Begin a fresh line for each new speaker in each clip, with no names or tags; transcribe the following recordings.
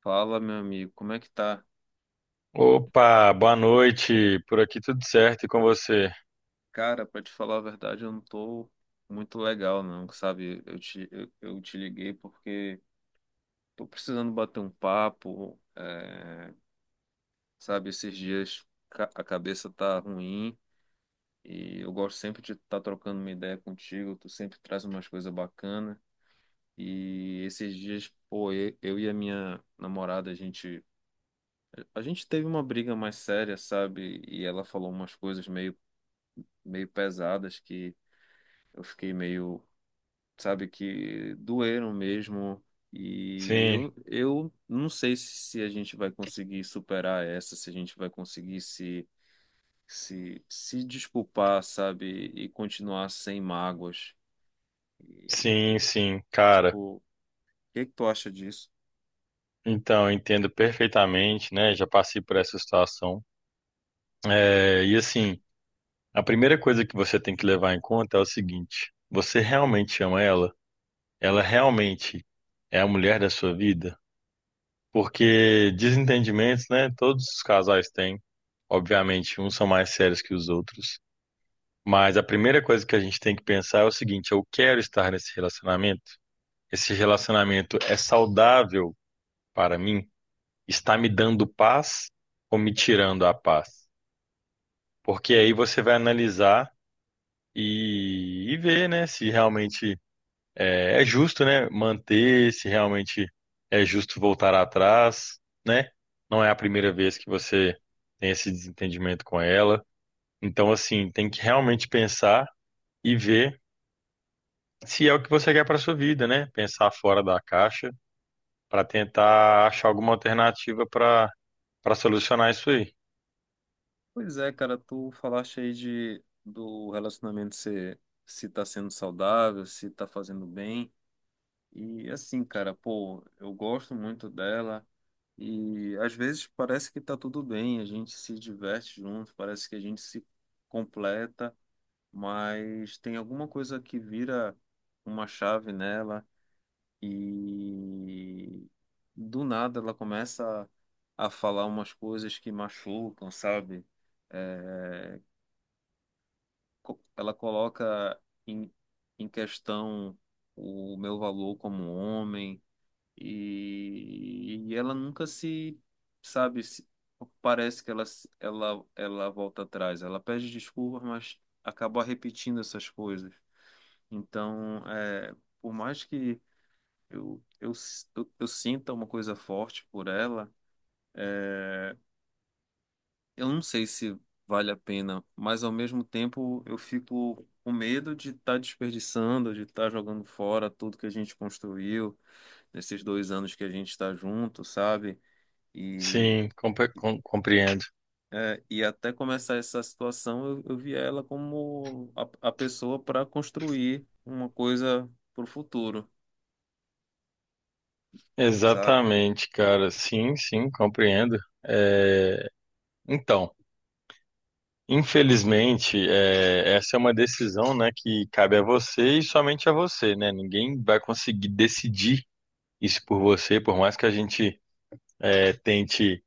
Fala, meu amigo, como é que tá?
Opa, boa noite. Por aqui tudo certo e com você?
Cara, pra te falar a verdade, eu não tô muito legal, não, sabe? Eu te liguei porque tô precisando bater um papo, sabe? Esses dias a cabeça tá ruim e eu gosto sempre de estar trocando uma ideia contigo, tu sempre traz umas coisas bacanas. E esses dias, pô, eu e a minha namorada, a gente teve uma briga mais séria, sabe? E ela falou umas coisas meio pesadas que eu fiquei meio, sabe, que doeram mesmo. E
Sim,
eu não sei se a gente vai conseguir superar essa, se a gente vai conseguir se desculpar, sabe, e continuar sem mágoas. E,
sim, sim, cara.
tipo, o que que tu acha disso?
Então, eu entendo perfeitamente, né? Já passei por essa situação. E assim, a primeira coisa que você tem que levar em conta é o seguinte: você realmente ama ela? Ela realmente é a mulher da sua vida? Porque desentendimentos, né? Todos os casais têm. Obviamente, uns são mais sérios que os outros. Mas a primeira coisa que a gente tem que pensar é o seguinte: eu quero estar nesse relacionamento? Esse relacionamento é saudável para mim? Está me dando paz ou me tirando a paz? Porque aí você vai analisar e ver, né, se realmente é justo, né, manter, se realmente é justo voltar atrás, né? Não é a primeira vez que você tem esse desentendimento com ela. Então, assim, tem que realmente pensar e ver se é o que você quer para sua vida, né? Pensar fora da caixa para tentar achar alguma alternativa para solucionar isso aí.
Pois é, cara, tu falaste aí do relacionamento ser, se tá sendo saudável, se tá fazendo bem. E assim, cara, pô, eu gosto muito dela. E às vezes parece que está tudo bem, a gente se diverte junto, parece que a gente se completa, mas tem alguma coisa que vira uma chave nela e do nada ela começa a falar umas coisas que machucam, sabe? É, ela coloca em, em questão o meu valor como homem e ela nunca se, sabe, parece que ela, ela volta atrás. Ela pede desculpas, mas acaba repetindo essas coisas. Então, por mais que eu sinta uma coisa forte por ela, é, eu não sei se vale a pena, mas ao mesmo tempo eu fico com medo de estar desperdiçando, de estar jogando fora tudo que a gente construiu nesses 2 anos que a gente está junto, sabe? E,
Compreendo.
e até começar essa situação, eu vi ela como a pessoa para construir uma coisa para o futuro, sabe?
Exatamente, cara. Sim, sim, compreendo. É, Então, infelizmente, essa é uma decisão, né, que cabe a você e somente a você, né? Ninguém vai conseguir decidir isso por você, por mais que a gente tente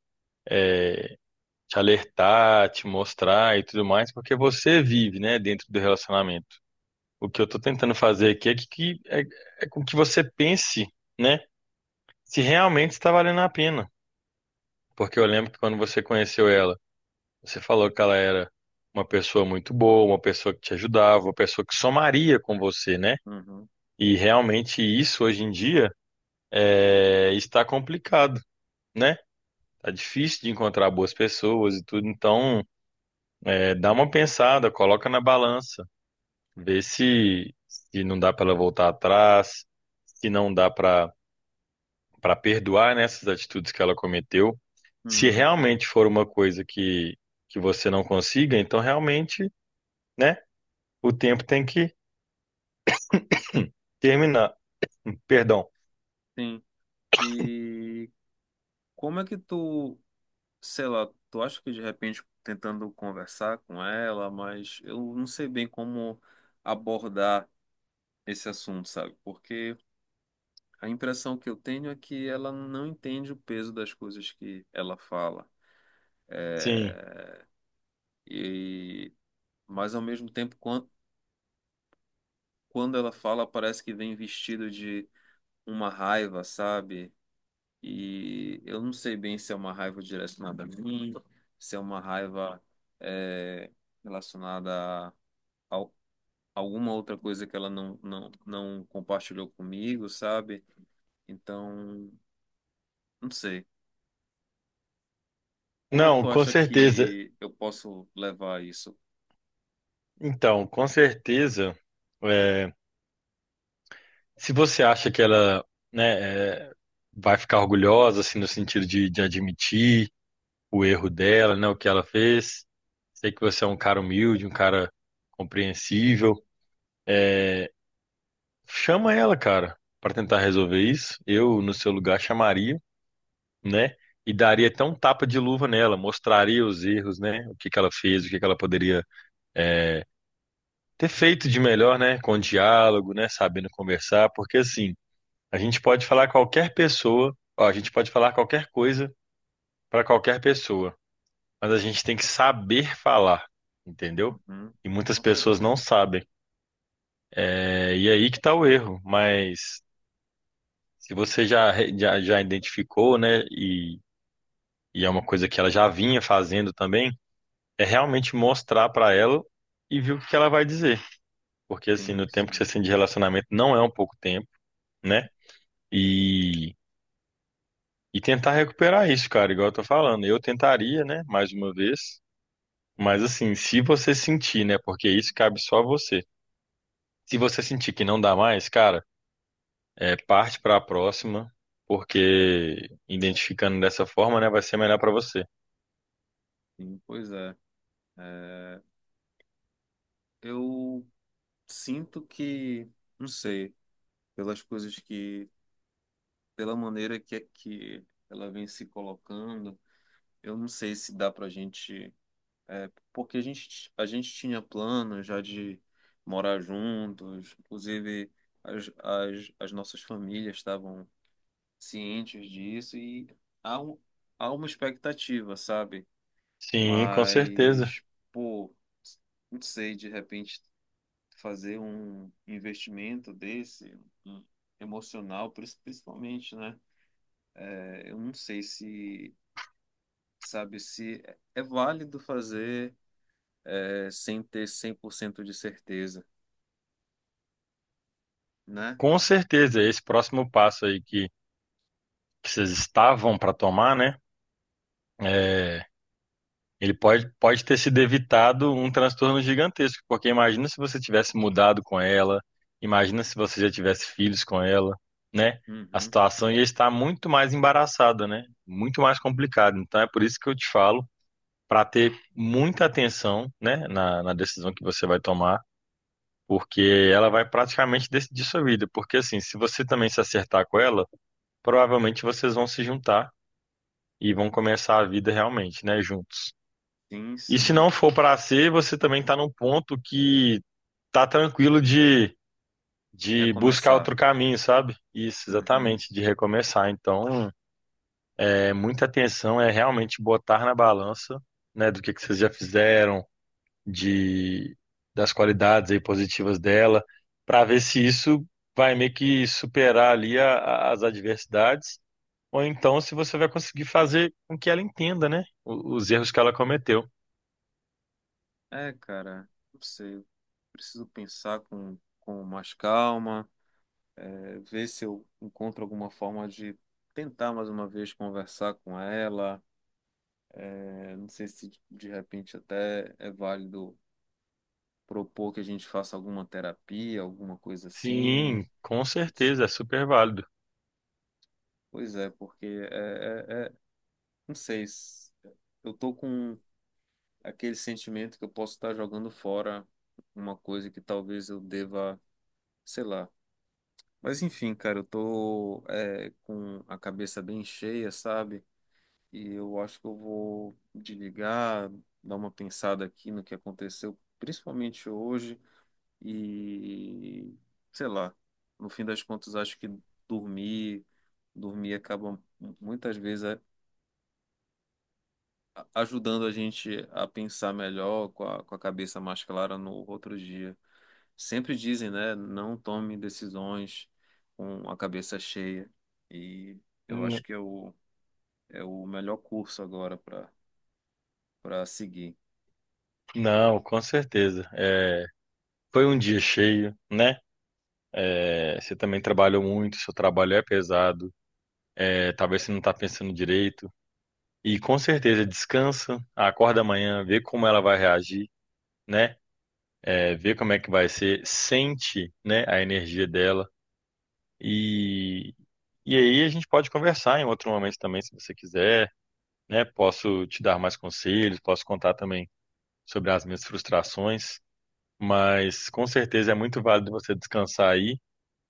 te alertar, te mostrar e tudo mais, porque você vive, né, dentro do relacionamento. O que eu tô tentando fazer aqui é com que você pense, né? Se realmente está valendo a pena. Porque eu lembro que quando você conheceu ela, você falou que ela era uma pessoa muito boa, uma pessoa que te ajudava, uma pessoa que somaria com você, né?
Uhum,
E realmente isso hoje em dia está complicado, né? Tá difícil de encontrar boas pessoas e tudo, então dá uma pensada, coloca na balança, vê se, se não dá para ela voltar atrás, se não dá para perdoar nessas atitudes que ela cometeu. Se
uhum,
realmente for uma coisa que você não consiga, então realmente, né, o tempo tem que terminar. Perdão.
sim. E como é que tu, sei lá, tu acha que de repente tentando conversar com ela, mas eu não sei bem como abordar esse assunto, sabe? Porque a impressão que eu tenho é que ela não entende o peso das coisas que ela fala.
Sim.
E mas ao mesmo tempo quando ela fala, parece que vem vestido de uma raiva, sabe? E eu não sei bem se é uma raiva direcionada a mim, se é uma raiva é, relacionada a al- alguma outra coisa que ela não compartilhou comigo, sabe? Então, não sei. Como é que
Não,
tu
com
acha
certeza.
que eu posso levar isso?
Então, com certeza, é, se você acha que ela, né, vai ficar orgulhosa, assim, no sentido de admitir o erro dela, né, o que ela fez, sei que você é um cara humilde, um cara compreensível. Chama ela, cara, pra tentar resolver isso. Eu, no seu lugar, chamaria, né? E daria até um tapa de luva nela, mostraria os erros, né? O que que ela fez, o que que ela poderia é, ter feito de melhor, né? Com diálogo, né? Sabendo conversar, porque assim, a gente pode falar qualquer pessoa, ó, a gente pode falar qualquer coisa para qualquer pessoa, mas a gente tem que saber falar, entendeu?
Uhum,
E muitas
com
pessoas não
certeza.
sabem. É, e aí que tá o erro, mas se você já identificou, né, e é uma coisa que ela já vinha fazendo também, é realmente mostrar para ela e ver o que ela vai dizer. Porque, assim,
Sim,
no tempo que
sim,
você tem de relacionamento não é um pouco tempo, né? E, e tentar recuperar isso, cara, igual eu tô falando. Eu tentaria, né, mais uma vez, mas, assim, se você sentir, né, porque isso cabe só a você. Se você sentir que não dá mais, cara, parte para a próxima, porque identificando dessa forma, né, vai ser melhor para você.
sim. Pois é. É, eu sinto que, não sei. Pelas coisas que, pela maneira que, é que ela vem se colocando. Eu não sei se dá pra gente, porque a gente tinha planos já de morar juntos, inclusive as nossas famílias estavam cientes disso e há, um- há uma expectativa, sabe?
Sim, com certeza.
Mas, pô, não sei, de repente fazer um investimento desse, um um, emocional, principalmente, né? Eu não sei se, sabe, se é válido fazer sem ter 100% de certeza, né?
Com certeza, esse próximo passo aí que vocês estavam para tomar, né? é, Ele pode ter sido evitado um transtorno gigantesco, porque imagina se você tivesse mudado com ela, imagina se você já tivesse filhos com ela, né? A
Uhum.
situação ia estar muito mais embaraçada, né? Muito mais complicada. Então é por isso que eu te falo para ter muita atenção, né, na, na decisão que você vai tomar porque ela vai praticamente decidir sua vida. Porque assim, se você também se acertar com ela, provavelmente vocês vão se juntar e vão começar a vida realmente, né, juntos.
Sim,
E se não
sim.
for para ser, você também tá num ponto que tá tranquilo de buscar
Recomeçar.
outro caminho, sabe? Isso,
Uhum.
exatamente, de recomeçar. Então, é muita atenção, é realmente botar na balança, né, do que vocês já fizeram de das qualidades aí positivas dela, para ver se isso vai meio que superar ali as adversidades, ou então se você vai conseguir fazer com que ela entenda, né, os erros que ela cometeu.
É, cara, não sei. Eu preciso pensar com mais calma, ver se eu encontro alguma forma de tentar mais uma vez conversar com ela. É, não sei se de repente até é válido propor que a gente faça alguma terapia, alguma coisa assim.
Sim, com certeza, é super válido.
Pois é, porque é, é- é- não sei, eu tô com aquele sentimento que eu posso estar jogando fora uma coisa que talvez eu deva, sei lá. Mas enfim, cara, eu tô com a cabeça bem cheia, sabe? E eu acho que eu vou desligar, dar uma pensada aqui no que aconteceu, principalmente hoje, e sei lá, no fim das contas, acho que dormir dormir acaba muitas vezes ajudando a gente a pensar melhor, com a cabeça mais clara no outro dia. Sempre dizem, né? Não tome decisões com a cabeça cheia. E eu acho
N-
que é é o melhor curso agora para seguir.
Não, com certeza. É, foi um dia cheio, né? É, você também trabalhou muito, seu trabalho é pesado, talvez você não está pensando direito. E com certeza descansa, acorda amanhã, vê como ela vai reagir, né? é, ver como é que vai ser, sente, né, a energia dela e e aí a gente pode conversar em outro momento também, se você quiser, né? Posso te dar mais conselhos, posso contar também sobre as minhas frustrações, mas com certeza é muito válido você descansar aí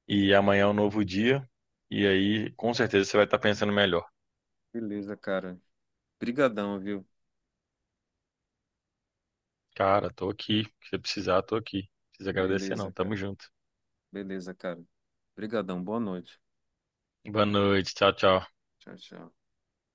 e amanhã é um novo dia e aí com certeza você vai estar pensando melhor.
Beleza, cara. Brigadão, viu?
Cara, tô aqui, se você precisar, tô aqui. Não precisa agradecer
Beleza,
não,
cara.
tamo junto.
Beleza, cara. Brigadão. Boa noite.
Boa noite, tchau, tchau.
Tchau, tchau.